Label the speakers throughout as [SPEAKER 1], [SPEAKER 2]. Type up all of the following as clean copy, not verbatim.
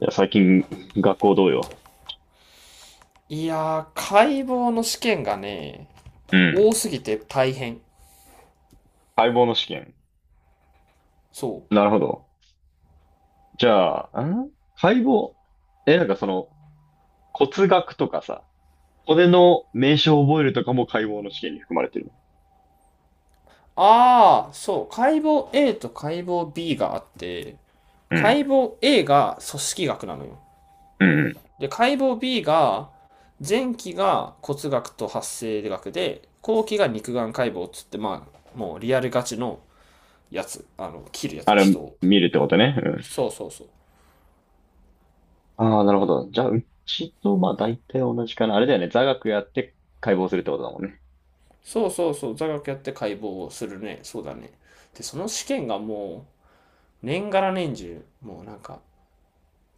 [SPEAKER 1] いや、最近、学校どうよ。
[SPEAKER 2] いやー、解剖の試験がね、
[SPEAKER 1] うん。
[SPEAKER 2] 多すぎて大変。
[SPEAKER 1] 解剖の試験。
[SPEAKER 2] そう。
[SPEAKER 1] なるほど。じゃあ、解剖。え、なんかその、骨学とかさ、骨の名称を覚えるとかも解剖の試験に含まれてる
[SPEAKER 2] ああ、そう。解剖 A と解剖 B があって、
[SPEAKER 1] の。う
[SPEAKER 2] 解
[SPEAKER 1] ん。
[SPEAKER 2] 剖 A が組織学なのよ。
[SPEAKER 1] うんうん。
[SPEAKER 2] で、解剖 B が、前期が骨学と発生学で、後期が肉眼解剖っつって、まあ、もうリアルガチのやつ。あの、切るや
[SPEAKER 1] あ
[SPEAKER 2] つ、
[SPEAKER 1] れ、
[SPEAKER 2] 人を。
[SPEAKER 1] 見るってことね。うん。
[SPEAKER 2] そうそうそう。
[SPEAKER 1] ああ、なるほど。じゃあ、うちと、まあ、大体同じかな。あれだよね。座学やって解剖するってことだもんね。
[SPEAKER 2] そうそうそう、座学やって解剖をするね。そうだね。で、その試験がもう、年がら年中、もうなんか、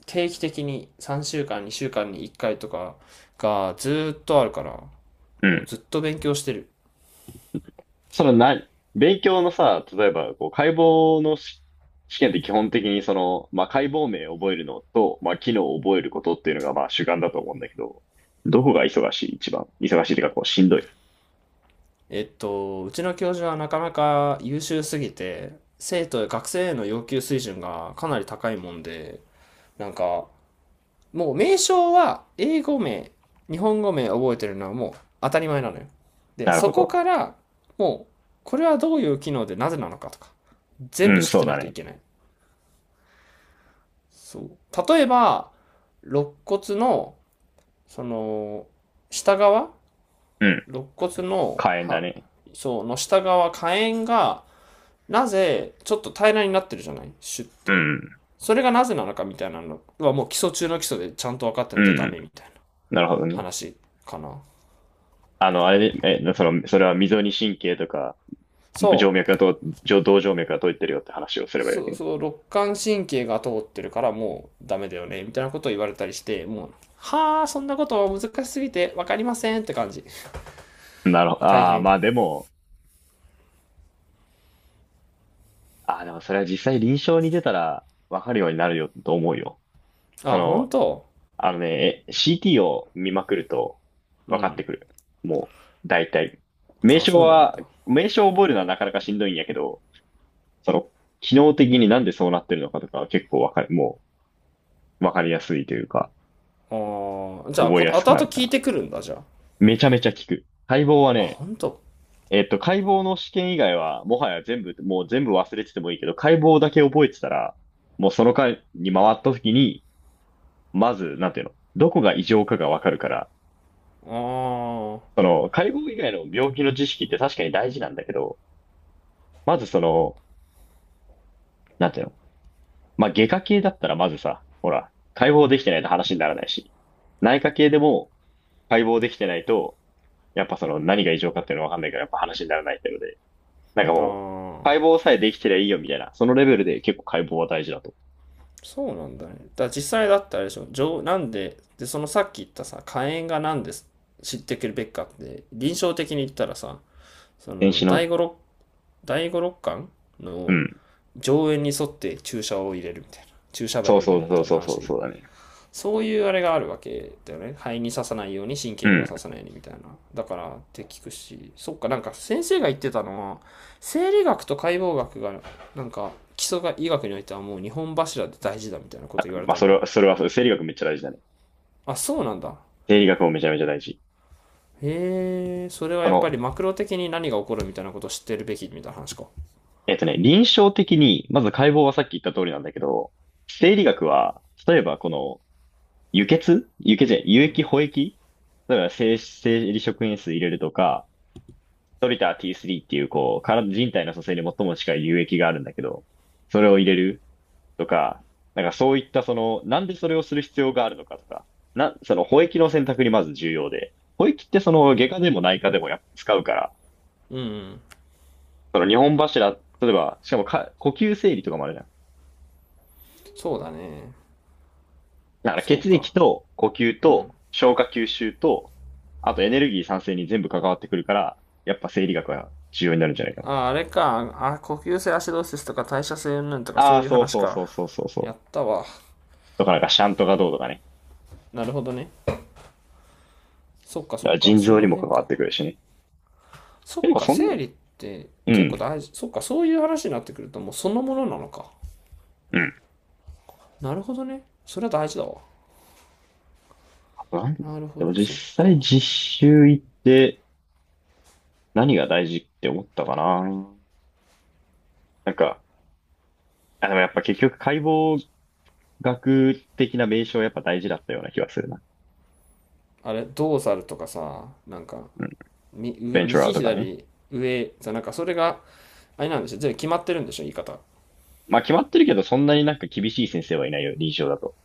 [SPEAKER 2] 定期的に3週間、2週間に1回とかがずっとあるから、
[SPEAKER 1] う
[SPEAKER 2] もう
[SPEAKER 1] ん
[SPEAKER 2] ずっと勉強してる。
[SPEAKER 1] そのな、勉強のさ、例えば、こう、解剖のし試験って基本的にその、まあ、解剖名を覚えるのと、まあ、機能を覚えることっていうのが、まあ、主眼だと思うんだけど、どこが忙しい一番。忙しいっていうか、こう、しんどい。
[SPEAKER 2] うちの教授はなかなか優秀すぎて、学生への要求水準がかなり高いもんで、なんか、もう名称は英語名、日本語名覚えてるのはもう当たり前なのよ。で、
[SPEAKER 1] なる
[SPEAKER 2] そ
[SPEAKER 1] ほ
[SPEAKER 2] こ
[SPEAKER 1] ど。
[SPEAKER 2] から、もう、これはどういう機能でなぜなのかとか、全部
[SPEAKER 1] うん、
[SPEAKER 2] 知っ
[SPEAKER 1] そ
[SPEAKER 2] て
[SPEAKER 1] う
[SPEAKER 2] な
[SPEAKER 1] だ
[SPEAKER 2] いとい
[SPEAKER 1] ね。
[SPEAKER 2] けない。そう。例えば、肋骨の、その、下側、
[SPEAKER 1] うん、
[SPEAKER 2] 肋骨の、
[SPEAKER 1] 火炎だ
[SPEAKER 2] は、
[SPEAKER 1] ね。
[SPEAKER 2] そう、の下側、下縁が、なぜ、ちょっと平らになってるじゃないシュっ
[SPEAKER 1] う
[SPEAKER 2] て。
[SPEAKER 1] ん、
[SPEAKER 2] それがなぜなのかみたいなのは、もう基礎中の基礎でちゃんと分かって
[SPEAKER 1] う
[SPEAKER 2] ないとダ
[SPEAKER 1] ん、
[SPEAKER 2] メみたいな
[SPEAKER 1] なるほどね。
[SPEAKER 2] 話かな。
[SPEAKER 1] あの、あれで、え、その、それは溝に神経とか、静
[SPEAKER 2] そう。
[SPEAKER 1] 脈がと、上動静脈が通ってるよって話をすればいいわ
[SPEAKER 2] そ
[SPEAKER 1] け
[SPEAKER 2] う
[SPEAKER 1] ね。
[SPEAKER 2] そう、肋間神経が通ってるからもうダメだよね、みたいなことを言われたりして、もう、はあ、そんなことは難しすぎて分かりませんって感じ。
[SPEAKER 1] なるほど。
[SPEAKER 2] 大
[SPEAKER 1] ああ、
[SPEAKER 2] 変。
[SPEAKER 1] まあでも、ああ、でもそれは実際臨床に出たらわかるようになるよと思うよ。そ
[SPEAKER 2] あ、本
[SPEAKER 1] の、
[SPEAKER 2] 当。
[SPEAKER 1] CT を見まくると
[SPEAKER 2] う
[SPEAKER 1] 分かっ
[SPEAKER 2] ん。
[SPEAKER 1] てくる。もう、大体。名
[SPEAKER 2] あ、
[SPEAKER 1] 称
[SPEAKER 2] そうなん
[SPEAKER 1] は、
[SPEAKER 2] だ。あ
[SPEAKER 1] 名称を覚えるのはなかなかしんどいんやけど、その、機能的になんでそうなってるのかとかは結構わかる、もう、わかりやすいというか、
[SPEAKER 2] あ、じゃあ、
[SPEAKER 1] 覚え
[SPEAKER 2] 後
[SPEAKER 1] や
[SPEAKER 2] 々
[SPEAKER 1] すくなるか
[SPEAKER 2] 聞い
[SPEAKER 1] ら。
[SPEAKER 2] てくるんだ、じゃ
[SPEAKER 1] めちゃめちゃ効く。解剖
[SPEAKER 2] あ。
[SPEAKER 1] は
[SPEAKER 2] あ、
[SPEAKER 1] ね、
[SPEAKER 2] ほんと。
[SPEAKER 1] 解剖の試験以外は、もはや全部、もう全部忘れててもいいけど、解剖だけ覚えてたら、もうその回に回った時に、まず、なんていうの、どこが異常かがわかるから、
[SPEAKER 2] あ
[SPEAKER 1] その、解剖以外の病気の知識って確かに大事なんだけど、まずその、なんていうの、まあ、外科系だったらまずさ、ほら、解剖できてないと話にならないし、内科系でも解剖できてないと、やっぱその何が異常かっていうのわかんないからやっぱ話にならないっていうので、なんか
[SPEAKER 2] あ、
[SPEAKER 1] もう、
[SPEAKER 2] あ
[SPEAKER 1] 解
[SPEAKER 2] あ、
[SPEAKER 1] 剖さえできてりゃいいよみたいな、そのレベルで結構解剖は大事だと。
[SPEAKER 2] そうなんだね。だから実際だったらあれでしょ、上、なんで、で、そのさっき言ったさ、火炎がなんで知ってくるべきかって、臨床的に言ったらさ、そ
[SPEAKER 1] 電子
[SPEAKER 2] の、
[SPEAKER 1] の、
[SPEAKER 2] 第五六巻
[SPEAKER 1] う
[SPEAKER 2] の
[SPEAKER 1] ん。
[SPEAKER 2] 上縁に沿って注射を入れるみたいな、注射
[SPEAKER 1] そ
[SPEAKER 2] 針を
[SPEAKER 1] う
[SPEAKER 2] 入れ
[SPEAKER 1] そ
[SPEAKER 2] る
[SPEAKER 1] う
[SPEAKER 2] み
[SPEAKER 1] そ
[SPEAKER 2] た
[SPEAKER 1] う
[SPEAKER 2] いな
[SPEAKER 1] そうそう
[SPEAKER 2] 話、
[SPEAKER 1] そうだね。
[SPEAKER 2] そういうあれがあるわけだよね。肺に刺さないように、神
[SPEAKER 1] う
[SPEAKER 2] 経にも
[SPEAKER 1] ん。
[SPEAKER 2] 刺さないようにみたいな。だからって聞くし、そっか、なんか先生が言ってたのは、生理学と解剖学が、なんか基礎が医学においてはもう日本柱で大事だみたいなこと言われ
[SPEAKER 1] まあ、
[SPEAKER 2] た
[SPEAKER 1] そ
[SPEAKER 2] のよ。
[SPEAKER 1] れは、それは、生理学めっちゃ大事だね。
[SPEAKER 2] あ、そうなんだ。
[SPEAKER 1] 生理学もめちゃめちゃ大事。
[SPEAKER 2] へえ、それは
[SPEAKER 1] そ
[SPEAKER 2] やっぱ
[SPEAKER 1] の、
[SPEAKER 2] りマクロ的に何が起こるみたいなことを知ってるべきみたいな話か。
[SPEAKER 1] 臨床的に、まず解剖はさっき言った通りなんだけど、生理学は、例えばこの、輸血輸血じゃない、輸液、補液例えば生理食塩水入れるとか、トリター T3 っていう、こう、人体の組成に最も近い輸液があるんだけど、それを入れるとか、なんかそういったその、なんでそれをする必要があるのかとか、その補液の選択にまず重要で、補液ってその、外科でも内科でもやっぱ使うから、
[SPEAKER 2] うん、うん、
[SPEAKER 1] その日本柱、例えば、しかもか、呼吸整理とかもあるじゃん
[SPEAKER 2] そうだね。
[SPEAKER 1] だから
[SPEAKER 2] そう
[SPEAKER 1] 血
[SPEAKER 2] か。
[SPEAKER 1] 液と呼吸
[SPEAKER 2] うん。
[SPEAKER 1] と消化吸収と、あとエネルギー産生に全部関わってくるから、やっぱ生理学は重要になるんじゃないかな。
[SPEAKER 2] あ、あれか。あ、呼吸性アシドーシスとか代謝性云々とかそ
[SPEAKER 1] ああ、
[SPEAKER 2] ういう
[SPEAKER 1] そう
[SPEAKER 2] 話
[SPEAKER 1] そう
[SPEAKER 2] か。
[SPEAKER 1] そうそうそうそ
[SPEAKER 2] や
[SPEAKER 1] う。
[SPEAKER 2] ったわ。
[SPEAKER 1] とかなんかシャントがどうとかね。
[SPEAKER 2] なるほどね。そっかそ
[SPEAKER 1] だか
[SPEAKER 2] っ
[SPEAKER 1] ら
[SPEAKER 2] か、
[SPEAKER 1] 腎
[SPEAKER 2] そ
[SPEAKER 1] 臓に
[SPEAKER 2] の
[SPEAKER 1] も関
[SPEAKER 2] 辺
[SPEAKER 1] わっ
[SPEAKER 2] か。
[SPEAKER 1] てくるしね。
[SPEAKER 2] そっ
[SPEAKER 1] でも
[SPEAKER 2] か、
[SPEAKER 1] そんな、
[SPEAKER 2] 生理って
[SPEAKER 1] う
[SPEAKER 2] 結構
[SPEAKER 1] ん、
[SPEAKER 2] 大事。そっか、そういう話になってくるともうそのものなのか。
[SPEAKER 1] うん。
[SPEAKER 2] なるほどね。それは大事だわ。
[SPEAKER 1] あと何
[SPEAKER 2] なるほ
[SPEAKER 1] で
[SPEAKER 2] ど、
[SPEAKER 1] も
[SPEAKER 2] そっ
[SPEAKER 1] 実
[SPEAKER 2] か。
[SPEAKER 1] 際実習行って何が大事って思ったかな。なんか、あ、でもやっぱ結局解剖学的な名称やっぱ大事だったような気がするな。
[SPEAKER 2] あれ、ドーサルとかさ、なんか、
[SPEAKER 1] うん。
[SPEAKER 2] み上
[SPEAKER 1] ベンチュラー
[SPEAKER 2] 右
[SPEAKER 1] とかね。
[SPEAKER 2] 左上さ、なんかそれが、あれなんでしょ、全部決まってるんでしょ、言い方。
[SPEAKER 1] まあ決まってるけど、そんなになんか厳しい先生はいないよ、臨床だと。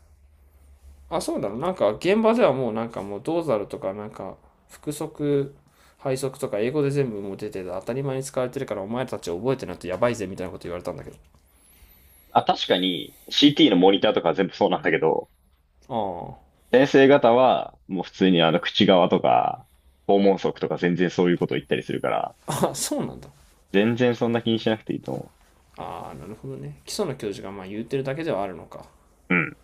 [SPEAKER 2] あ、そうだろ、なんか現場ではもうなんかもうドーサルとかなんか、複足、配足とか英語で全部もう出てて当たり前に使われてるからお前たち覚えてないとやばいぜみたいなこと言われたんだけ
[SPEAKER 1] あ、確かに CT のモニターとかは全部そうなんだけど、
[SPEAKER 2] ど。
[SPEAKER 1] 先生方はもう普通にあの口側とか、訪問則とか全然そういうことを言ったりするから、
[SPEAKER 2] ああ、あ、そうなんだ。
[SPEAKER 1] 全然そんな気にしなくていいと思
[SPEAKER 2] ああ、なるほどね。基礎の教授がまあ言ってるだけではあるのか。
[SPEAKER 1] う。うん。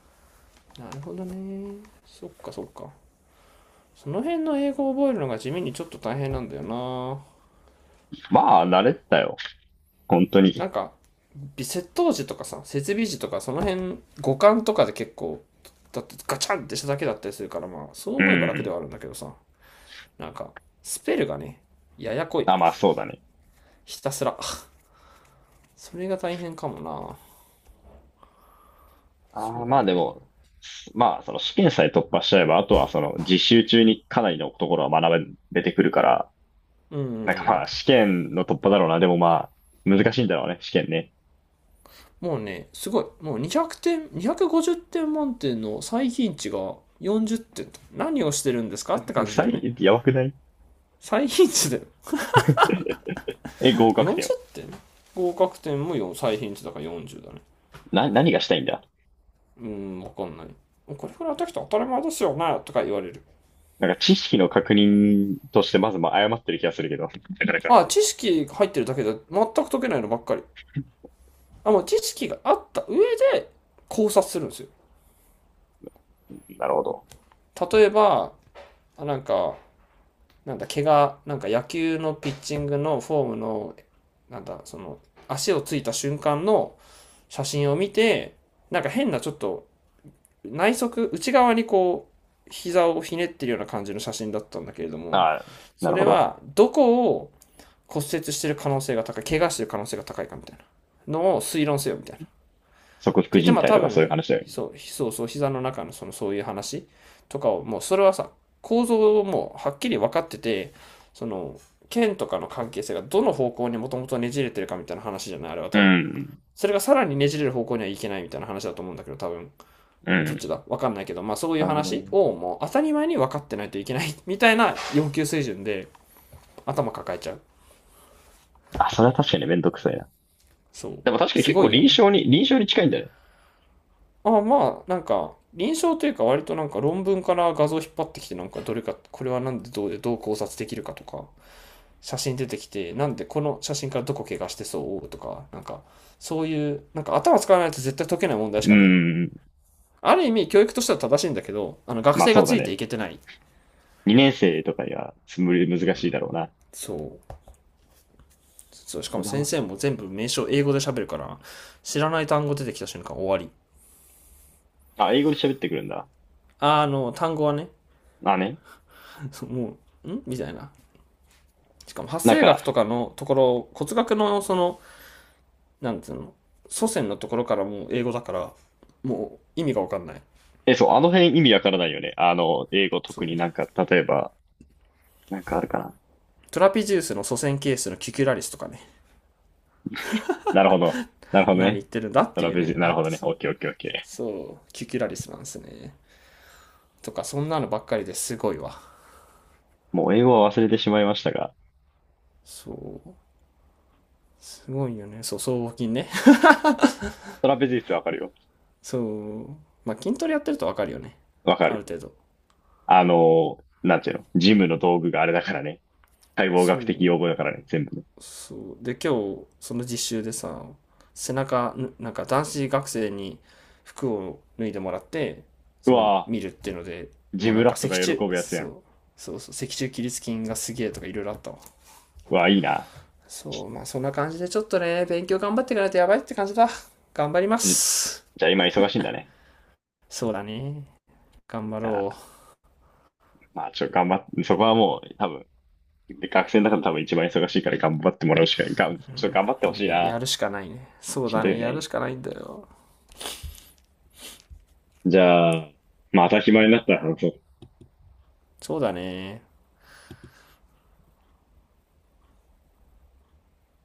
[SPEAKER 2] なるほどね。そっかそっか。その辺の英語を覚えるのが地味にちょっと大変なんだよな。
[SPEAKER 1] まあ、慣れてたよ。本当
[SPEAKER 2] な
[SPEAKER 1] に。
[SPEAKER 2] んか、微窃盗時とかさ、設備時とか、その辺、五感とかで結構、だってガチャンってしただけだったりするから、まあ、そう
[SPEAKER 1] う
[SPEAKER 2] 思えば楽で
[SPEAKER 1] ん。
[SPEAKER 2] はあるんだけどさ、なんか、スペルがね、ややこい。
[SPEAKER 1] あ、まあそうだね。
[SPEAKER 2] ひたすら。それが大変かもな。
[SPEAKER 1] あ
[SPEAKER 2] そ
[SPEAKER 1] あ、
[SPEAKER 2] うだ
[SPEAKER 1] まあ
[SPEAKER 2] ね。
[SPEAKER 1] でも、まあその試験さえ突破しちゃえば、あとはその実習中にかなりのところは学べてくるから、
[SPEAKER 2] う
[SPEAKER 1] なんかま
[SPEAKER 2] ん。
[SPEAKER 1] あ試験の突破だろうな。でもまあ、難しいんだろうね、試験ね。
[SPEAKER 2] もうね、すごい。もう200点、250点満点の最貧値が40点と。何をしてるんですかって感じだ
[SPEAKER 1] サ
[SPEAKER 2] よね。
[SPEAKER 1] イ、やばくない
[SPEAKER 2] 最貧値だよ。
[SPEAKER 1] え、合格点は。
[SPEAKER 2] 40点、合格点も4最貧値だから40だね。
[SPEAKER 1] な、何がしたいんだ
[SPEAKER 2] うーん、わかんない。これくらいできたら当たり前ですよねとか言われる。
[SPEAKER 1] なんか知識の確認としてまずまあ誤ってる気がするけど。なかなか。
[SPEAKER 2] ああ、知識入ってるだけで全く解けないのばっかり。あ、もう知識があった上で考察するんですよ。
[SPEAKER 1] なるほど。
[SPEAKER 2] 例えば、あなんか、なんだ、怪我、なんか野球のピッチングのフォームのなんだ、その、足をついた瞬間の写真を見て、なんか変なちょっと内側にこう、膝をひねってるような感じの写真だったんだけれども、
[SPEAKER 1] ああ、な
[SPEAKER 2] そ
[SPEAKER 1] る
[SPEAKER 2] れ
[SPEAKER 1] ほど。
[SPEAKER 2] はどこを骨折してる可能性が高い、怪我してる可能性が高いかみたいなのを推論せよみたいな。って
[SPEAKER 1] 側副
[SPEAKER 2] 言って、
[SPEAKER 1] 人
[SPEAKER 2] まあ
[SPEAKER 1] 体
[SPEAKER 2] 多
[SPEAKER 1] とかそういう
[SPEAKER 2] 分、
[SPEAKER 1] 話だよね。
[SPEAKER 2] そう、膝の中のそのそういう話とかを、もうそれはさ、構造をもうはっきり分かってて、その、剣とかの関係性がどの方向にもともとねじれてるかみたいな話じゃないあれは
[SPEAKER 1] う
[SPEAKER 2] 多分。
[SPEAKER 1] ん。
[SPEAKER 2] それがさらにねじれる方向にはいけないみたいな話だと思うんだけど、多分。
[SPEAKER 1] う
[SPEAKER 2] どっち
[SPEAKER 1] ん。
[SPEAKER 2] だわかんないけど、まあそういう
[SPEAKER 1] なるほど
[SPEAKER 2] 話
[SPEAKER 1] ね。
[SPEAKER 2] をもう当たり前に分かってないといけないみたいな要求水準で頭抱えちゃう。
[SPEAKER 1] あ、それは確かにめんどくさいな。
[SPEAKER 2] そう。
[SPEAKER 1] でも確かに
[SPEAKER 2] す
[SPEAKER 1] 結
[SPEAKER 2] ご
[SPEAKER 1] 構
[SPEAKER 2] いよね。
[SPEAKER 1] 臨床に近いんだね。
[SPEAKER 2] ああまあ、なんか、臨床というか割となんか論文から画像引っ張ってきてなんかどれか、これはなんでどうでどう考察できるかとか、写真出てきて、なんでこの写真からどこ怪我してそうとか、なんか、そういう、なんか頭使わないと絶対解けない問題し
[SPEAKER 1] う
[SPEAKER 2] かない。
[SPEAKER 1] ん。
[SPEAKER 2] ある意味教育としては正しいんだけど、あの学
[SPEAKER 1] まあ
[SPEAKER 2] 生が
[SPEAKER 1] そうだ
[SPEAKER 2] ついてい
[SPEAKER 1] ね。
[SPEAKER 2] けてない。
[SPEAKER 1] 2年生とかにはつむり難しいだろうな。
[SPEAKER 2] そうそう、しか
[SPEAKER 1] 無
[SPEAKER 2] も
[SPEAKER 1] 駄
[SPEAKER 2] 先
[SPEAKER 1] は
[SPEAKER 2] 生も全部名称英語で喋るから、知らない単語出てきた瞬間終わり。
[SPEAKER 1] あ、英語で喋ってくるんだ。
[SPEAKER 2] あの単語はね。
[SPEAKER 1] まあね。
[SPEAKER 2] もうんみたいな。しかも発
[SPEAKER 1] なん
[SPEAKER 2] 生
[SPEAKER 1] か、
[SPEAKER 2] 学とかのところ、骨学のそのなんていうの、祖先のところからもう英語だから、もう意味が分かんない。
[SPEAKER 1] え、そう、あの辺意味わからないよね。あの、英語
[SPEAKER 2] そ
[SPEAKER 1] 特
[SPEAKER 2] う
[SPEAKER 1] になんか、例えば、なんかあるかな。
[SPEAKER 2] トラピジウスの祖先ケースのキュキュラリスとかね。
[SPEAKER 1] なるほど。なる ほど
[SPEAKER 2] 何言
[SPEAKER 1] ね。
[SPEAKER 2] ってるんだっ
[SPEAKER 1] ト
[SPEAKER 2] て
[SPEAKER 1] ラ
[SPEAKER 2] いう
[SPEAKER 1] ペジ、
[SPEAKER 2] ね。
[SPEAKER 1] なる
[SPEAKER 2] あ
[SPEAKER 1] ほどね。
[SPEAKER 2] そ
[SPEAKER 1] オッ
[SPEAKER 2] う、
[SPEAKER 1] ケーオッケーオッケ
[SPEAKER 2] そうキュキュラリスなんですねとかそんなのばっかりですごいわ。
[SPEAKER 1] ー。もう英語は忘れてしまいましたが、
[SPEAKER 2] そうすごいよね。そう僧帽筋ね。
[SPEAKER 1] トラペジウスわかるよ。
[SPEAKER 2] そうまあ筋トレやってると分かるよね、
[SPEAKER 1] わか
[SPEAKER 2] ある
[SPEAKER 1] る。
[SPEAKER 2] 程度。
[SPEAKER 1] あの、なんていうの。ジムの道具があれだからね。解剖
[SPEAKER 2] そ
[SPEAKER 1] 学的用
[SPEAKER 2] う
[SPEAKER 1] 語だからね。全部ね。
[SPEAKER 2] そう、で今日その実習でさ、背中なんか男子学生に服を脱いでもらって
[SPEAKER 1] う
[SPEAKER 2] その
[SPEAKER 1] わ
[SPEAKER 2] 見るっていうので、
[SPEAKER 1] ぁ、ジ
[SPEAKER 2] もうな
[SPEAKER 1] ム
[SPEAKER 2] ん
[SPEAKER 1] ラ
[SPEAKER 2] か
[SPEAKER 1] ット
[SPEAKER 2] 脊
[SPEAKER 1] が
[SPEAKER 2] 柱、
[SPEAKER 1] 喜ぶやつや
[SPEAKER 2] そ
[SPEAKER 1] ん。
[SPEAKER 2] うそうそう、脊柱起立筋がすげえとかいろいろあったわ。
[SPEAKER 1] うわぁ、いいな。
[SPEAKER 2] そうまあそんな感じでちょっとね、勉強頑張っていかないとやばいって感じだ。頑張りま
[SPEAKER 1] じ、
[SPEAKER 2] す。
[SPEAKER 1] じゃあ今忙しいんだね。
[SPEAKER 2] そうだね、頑張
[SPEAKER 1] あ
[SPEAKER 2] ろ
[SPEAKER 1] ー、まあ、ちょ、頑張って、そこはもう、多分、で、学生の中で多分一番忙しいから頑張ってもらうしか、がん、ちょっと頑張ってほ
[SPEAKER 2] う。う
[SPEAKER 1] しい
[SPEAKER 2] や、
[SPEAKER 1] な。
[SPEAKER 2] やるしかないね。そう
[SPEAKER 1] しん
[SPEAKER 2] だ
[SPEAKER 1] どい
[SPEAKER 2] ね、
[SPEAKER 1] よ
[SPEAKER 2] やるし
[SPEAKER 1] ね。
[SPEAKER 2] かないんだよ。
[SPEAKER 1] じゃあ、まあ、当たり前になったら話そう。
[SPEAKER 2] そうだね。